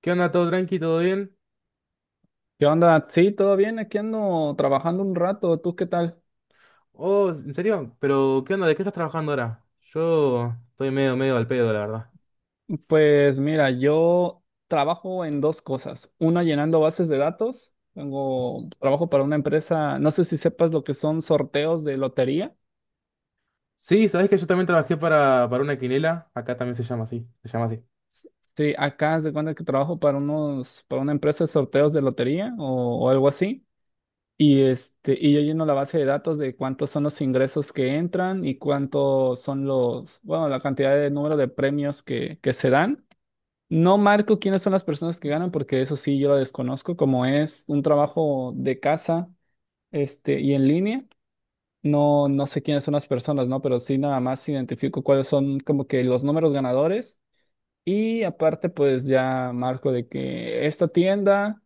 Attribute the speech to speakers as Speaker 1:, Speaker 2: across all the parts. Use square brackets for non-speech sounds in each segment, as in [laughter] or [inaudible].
Speaker 1: ¿Qué onda? ¿Todo tranqui? ¿Todo bien?
Speaker 2: ¿Qué onda? Sí, todo bien, aquí ando trabajando un rato. ¿Tú qué tal?
Speaker 1: Oh, ¿en serio? ¿Pero qué onda? ¿De qué estás trabajando ahora? Yo estoy medio, medio al pedo, la verdad.
Speaker 2: Pues mira, yo trabajo en dos cosas. Una llenando bases de datos. Tengo trabajo para una empresa, no sé si sepas lo que son sorteos de lotería.
Speaker 1: Sí, sabés que yo también trabajé para una quinela. Acá también se llama así. Se llama así.
Speaker 2: Sí, acá haz de cuenta que trabajo para unos, para una empresa de sorteos de lotería o algo así. Y yo lleno la base de datos de cuántos son los ingresos que entran y cuántos son los, bueno, la cantidad de número de premios que se dan. No marco quiénes son las personas que ganan, porque eso sí yo lo desconozco. Como es un trabajo de casa, y en línea, no sé quiénes son las personas, ¿no? Pero sí nada más identifico cuáles son como que los números ganadores. Y aparte, pues ya marco de que esta tienda.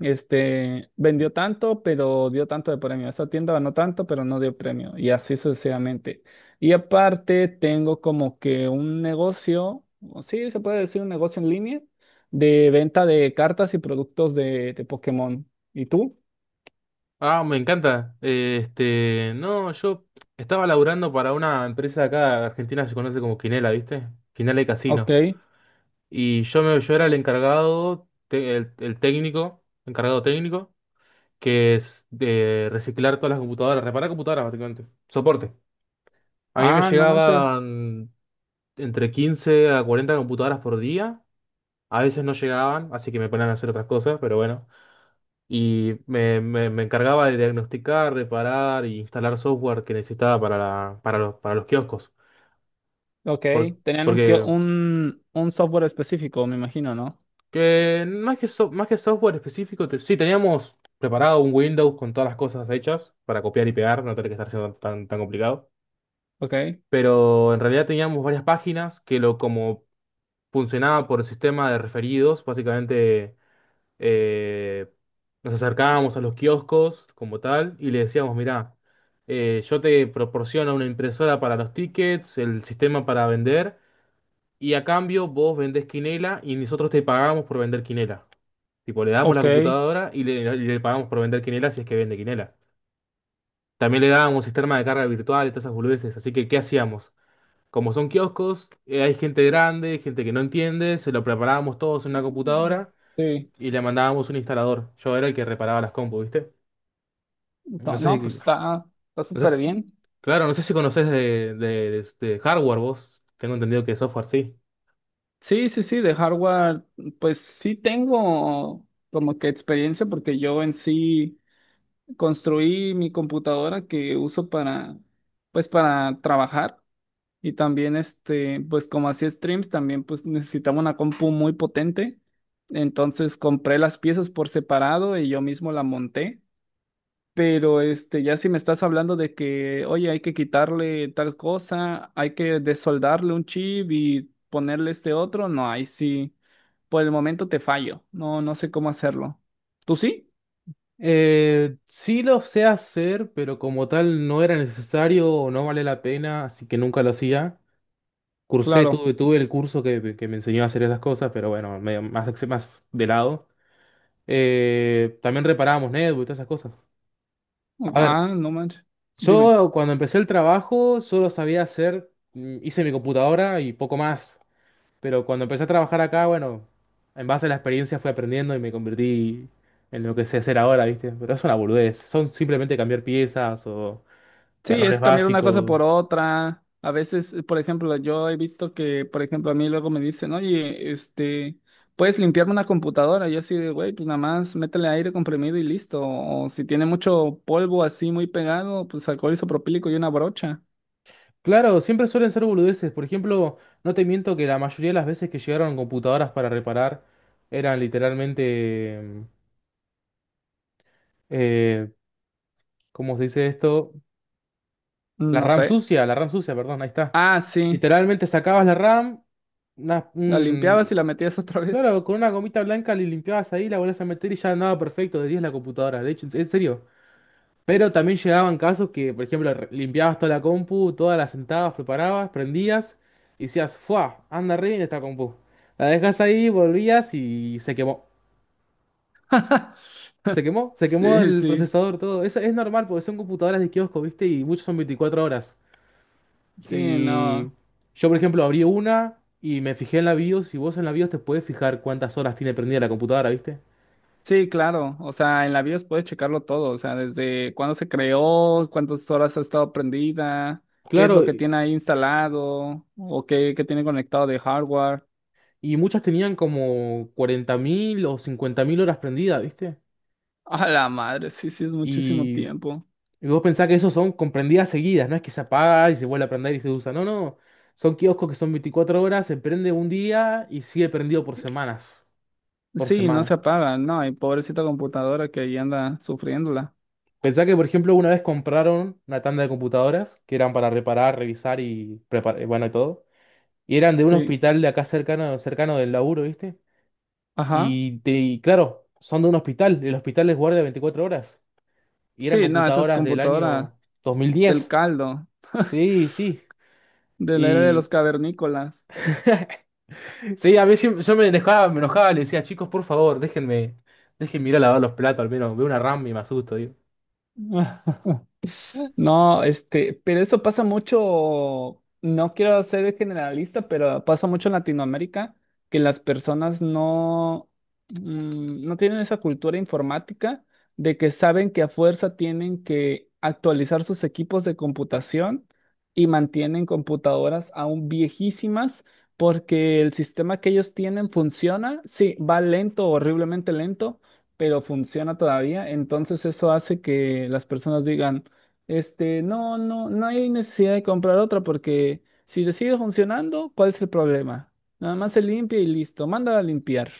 Speaker 2: Vendió tanto, pero dio tanto de premio. Esta tienda ganó tanto, pero no dio premio. Y así sucesivamente. Y aparte, tengo como que un negocio, o sí, se puede decir un negocio en línea, de venta de cartas y productos de Pokémon. ¿Y tú?
Speaker 1: Ah, me encanta. No, yo estaba laburando para una empresa de acá, Argentina se conoce como Quinela, ¿viste? Quinela y
Speaker 2: Ok.
Speaker 1: Casino. Yo era el encargado, el técnico, encargado técnico, que es de reciclar todas las computadoras, reparar computadoras básicamente. Soporte. A mí me
Speaker 2: Ah, no manches.
Speaker 1: llegaban entre 15 a 40 computadoras por día. A veces no llegaban, así que me ponían a hacer otras cosas, pero bueno. Me encargaba de diagnosticar, reparar y instalar software que necesitaba para, para, para los kioscos.
Speaker 2: Ok.
Speaker 1: Por-
Speaker 2: Tenían un, kio-
Speaker 1: Porque
Speaker 2: un software específico, me imagino, ¿no?
Speaker 1: que más que, más que software específico, sí, teníamos preparado un Windows con todas las cosas hechas para copiar y pegar, no tener que estar siendo tan, tan complicado.
Speaker 2: Ok.
Speaker 1: Pero en realidad teníamos varias páginas que lo como funcionaba por sistema de referidos, básicamente. eh, Nos acercábamos a los kioscos como tal y le decíamos, mirá, yo te proporciono una impresora para los tickets, el sistema para vender, y a cambio vos vendés quinela y nosotros te pagamos por vender quinela. Tipo, le damos la
Speaker 2: Ok.
Speaker 1: computadora y le pagamos por vender quinela si es que vende quinela. También le dábamos sistema de carga virtual y todas esas boludeces, así que ¿qué hacíamos? Como son kioscos, hay gente grande, gente que no entiende, se lo preparábamos todos en una
Speaker 2: Mm.
Speaker 1: computadora
Speaker 2: Sí.
Speaker 1: y le mandábamos un instalador. Yo era el que reparaba las compus, ¿viste? No
Speaker 2: No,
Speaker 1: sé
Speaker 2: no,
Speaker 1: si,
Speaker 2: pues está, está
Speaker 1: no sé
Speaker 2: súper bien.
Speaker 1: claro, no sé si conocés de hardware vos. Tengo entendido que software sí.
Speaker 2: Sí, sí, sí, de hardware, pues sí tengo como que experiencia porque yo en sí construí mi computadora que uso para, pues para trabajar y también pues como hacía streams, también pues necesitaba una compu muy potente. Entonces compré las piezas por separado y yo mismo la monté. Pero ya si me estás hablando de que, oye, hay que quitarle tal cosa, hay que desoldarle un chip y ponerle este otro, no, ahí sí. Por el momento te fallo. No, no sé cómo hacerlo. ¿Tú sí?
Speaker 1: Sí lo sé hacer, pero como tal no era necesario o no vale la pena, así que nunca lo hacía.
Speaker 2: Claro.
Speaker 1: Tuve el curso que me enseñó a hacer esas cosas, pero bueno, medio más, más de lado. También reparábamos netbooks y todas esas cosas. A ver,
Speaker 2: Ah, no manches. Dime.
Speaker 1: yo cuando empecé el trabajo solo sabía hacer, hice mi computadora y poco más, pero cuando empecé a trabajar acá, bueno, en base a la experiencia fui aprendiendo y me convertí en lo que sé hacer ahora, ¿viste? Pero es una boludez, son simplemente cambiar piezas o
Speaker 2: Sí, es
Speaker 1: errores
Speaker 2: cambiar una cosa
Speaker 1: básicos.
Speaker 2: por otra. A veces, por ejemplo, yo he visto que, por ejemplo, a mí luego me dicen, oye, puedes limpiarme una computadora. Yo así de, güey, pues nada más métele aire comprimido y listo. O si tiene mucho polvo así muy pegado, pues alcohol isopropílico y una brocha.
Speaker 1: Claro, siempre suelen ser boludeces, por ejemplo, no te miento que la mayoría de las veces que llegaron computadoras para reparar eran literalmente, eh, ¿cómo se dice esto?
Speaker 2: No sé.
Speaker 1: La RAM sucia, perdón, ahí está.
Speaker 2: Ah, sí.
Speaker 1: Literalmente sacabas la RAM, una-
Speaker 2: La limpiabas
Speaker 1: un-
Speaker 2: y la metías otra vez.
Speaker 1: claro, con una gomita blanca le limpiabas ahí, la volvías a meter y ya andaba perfecto, de 10 la computadora, de hecho, en serio. Pero también llegaban casos que, por ejemplo, limpiabas toda la compu, todas las sentabas, preparabas, prendías y decías, ¡fua! Anda re bien esta compu. La dejas ahí, volvías y se quemó.
Speaker 2: [laughs]
Speaker 1: Se quemó, se quemó
Speaker 2: Sí,
Speaker 1: el
Speaker 2: sí.
Speaker 1: procesador, todo. Es normal porque son computadoras de kiosco, ¿viste? Y muchos son 24 horas.
Speaker 2: Sí,
Speaker 1: Y
Speaker 2: no.
Speaker 1: yo, por ejemplo, abrí una y me fijé en la BIOS, y vos en la BIOS te puedes fijar cuántas horas tiene prendida la computadora, ¿viste?
Speaker 2: Sí, claro. O sea, en la BIOS puedes checarlo todo. O sea, desde cuándo se creó, cuántas horas ha estado prendida, qué es
Speaker 1: Claro,
Speaker 2: lo que tiene ahí instalado o qué, qué tiene conectado de hardware.
Speaker 1: y muchas tenían como 40.000 o 50.000 horas prendidas, ¿viste?
Speaker 2: [laughs] A la madre, sí, sí, es muchísimo
Speaker 1: Y,
Speaker 2: tiempo.
Speaker 1: y vos pensás que esos son comprendidas seguidas, no es que se apaga y se vuelve a prender y se usa, no, no. Son kioscos que son 24 horas, se prende un día y sigue prendido por semanas, por
Speaker 2: Sí, no se
Speaker 1: semana.
Speaker 2: apaga, no, y pobrecita computadora que ahí anda sufriéndola.
Speaker 1: Pensá que, por ejemplo, una vez compraron una tanda de computadoras que eran para reparar, revisar y preparar, bueno, y todo. Y eran de un
Speaker 2: Sí,
Speaker 1: hospital de acá cercano, cercano del laburo, ¿viste?
Speaker 2: ajá.
Speaker 1: Y claro, son de un hospital. El hospital les guardia 24 horas. Y eran
Speaker 2: Sí, no, esa es
Speaker 1: computadoras del año
Speaker 2: computadora del
Speaker 1: 2010.
Speaker 2: caldo, [laughs]
Speaker 1: Sí, sí.
Speaker 2: de la era de
Speaker 1: Y
Speaker 2: los cavernícolas.
Speaker 1: [laughs] sí, yo me enojaba, le decía, chicos, por favor, déjenme, déjenme ir a lavar los platos, al menos veo una RAM y me asusto, digo.
Speaker 2: [laughs] No, pero eso pasa mucho, no quiero ser generalista, pero pasa mucho en Latinoamérica que las personas no, no tienen esa cultura informática de que saben que a fuerza tienen que actualizar sus equipos de computación y mantienen computadoras aún viejísimas porque el sistema que ellos tienen funciona, sí, va lento, horriblemente lento pero funciona todavía. Entonces eso hace que las personas digan, no, no, no hay necesidad de comprar otra porque si le sigue funcionando, ¿cuál es el problema? Nada más se limpia y listo, manda a limpiar.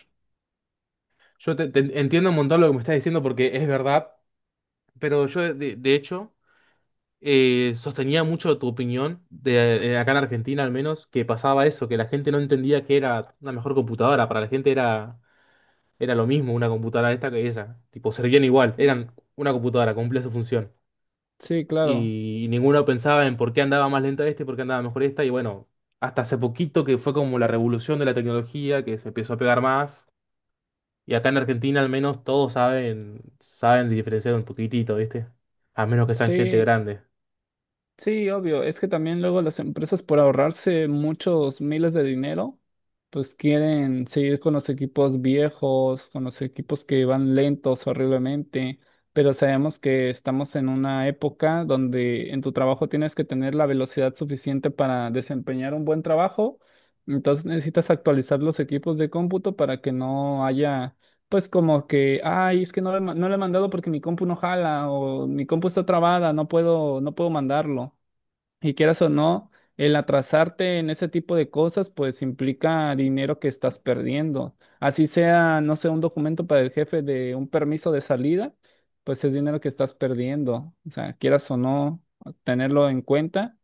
Speaker 1: Yo te, te entiendo un montón lo que me estás diciendo porque es verdad, pero yo de hecho sostenía mucho tu opinión, de acá en Argentina al menos, que pasaba eso, que la gente no entendía que era una mejor computadora. Para la gente era, era lo mismo una computadora esta que esa. Tipo, servían igual, eran una computadora, cumplía su función.
Speaker 2: Sí, claro.
Speaker 1: Y, ninguno pensaba en por qué andaba más lenta este, por qué andaba mejor esta. Y bueno, hasta hace poquito que fue como la revolución de la tecnología, que se empezó a pegar más. Y acá en Argentina al menos todos saben, saben diferenciar un poquitito, ¿viste? A menos que sean gente
Speaker 2: Sí,
Speaker 1: grande.
Speaker 2: sí, obvio. Es que también luego las empresas por ahorrarse muchos miles de dinero, pues quieren seguir con los equipos viejos, con los equipos que van lentos horriblemente. Pero sabemos que estamos en una época donde en tu trabajo tienes que tener la velocidad suficiente para desempeñar un buen trabajo. Entonces necesitas actualizar los equipos de cómputo para que no haya, pues como que, ay, es que no le, ma- no le he mandado porque mi compu no jala o mi compu está trabada, no puedo, no puedo mandarlo. Y quieras o no, el atrasarte en ese tipo de cosas, pues implica dinero que estás perdiendo. Así sea, no sé, un documento para el jefe de un permiso de salida, pues es dinero que estás perdiendo. O sea, quieras o no, tenerlo en cuenta.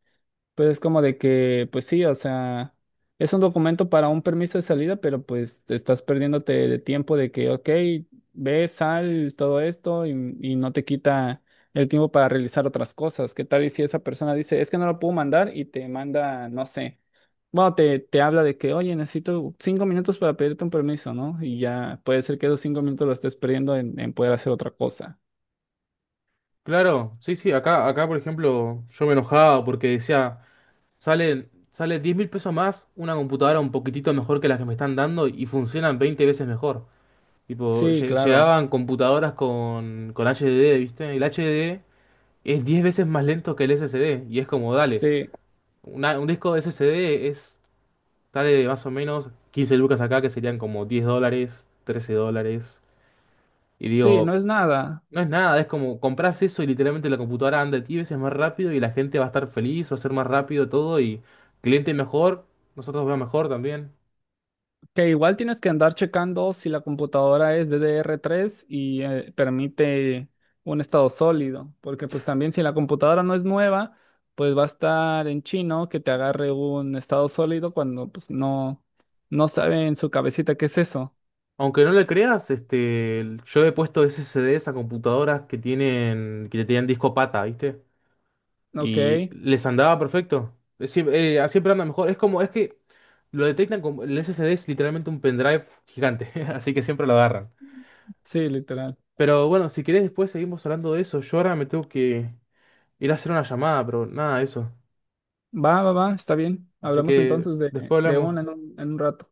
Speaker 2: Pero es como de que, pues sí, o sea, es un documento para un permiso de salida, pero pues te estás perdiéndote de tiempo de que, ok, ve, sal, todo esto y no te quita el tiempo para realizar otras cosas. ¿Qué tal y si esa persona dice, es que no lo puedo mandar y te manda, no sé, bueno, te habla de que, oye, necesito 5 minutos para pedirte un permiso, ¿no? Y ya puede ser que esos 5 minutos lo estés perdiendo en poder hacer otra cosa.
Speaker 1: Claro, sí, sí, acá, acá por ejemplo yo me enojaba porque decía, salen, sale 10.000 pesos más una computadora un poquitito mejor que las que me están dando y funcionan 20 veces mejor. Tipo,
Speaker 2: Sí, claro.
Speaker 1: llegaban computadoras con HDD, ¿viste? El HDD es 10 veces más lento que el SSD y es como, dale,
Speaker 2: Sí,
Speaker 1: un disco de SSD es, sale más o menos 15 lucas acá que serían como 10 dólares, 13 dólares. Y
Speaker 2: sí, no
Speaker 1: digo,
Speaker 2: es nada.
Speaker 1: no es nada, es como compras eso y literalmente la computadora anda 10 veces más rápido y la gente va a estar feliz, va a ser más rápido todo y cliente mejor, nosotros va mejor también.
Speaker 2: Que igual tienes que andar checando si la computadora es DDR3 y permite un estado sólido, porque pues también si la computadora no es nueva, pues va a estar en chino que te agarre un estado sólido cuando pues no, no
Speaker 1: A-
Speaker 2: sabe en su cabecita qué es eso.
Speaker 1: Aunque no le creas, este, yo he puesto SSDs a computadoras que tienen, que tenían disco pata, ¿viste?
Speaker 2: Ok,
Speaker 1: Y les andaba perfecto. Sí, siempre anda mejor. Es como, es que lo detectan como, el SSD es literalmente un pendrive gigante, [laughs] así que siempre lo agarran.
Speaker 2: sí, literal.
Speaker 1: Pero bueno, si querés después seguimos hablando de eso. Yo ahora me tengo que ir a hacer una llamada, pero nada, de eso.
Speaker 2: Va, va, va, está bien.
Speaker 1: Así
Speaker 2: Hablamos
Speaker 1: que
Speaker 2: entonces
Speaker 1: después
Speaker 2: de
Speaker 1: hablamos.
Speaker 2: una en un rato.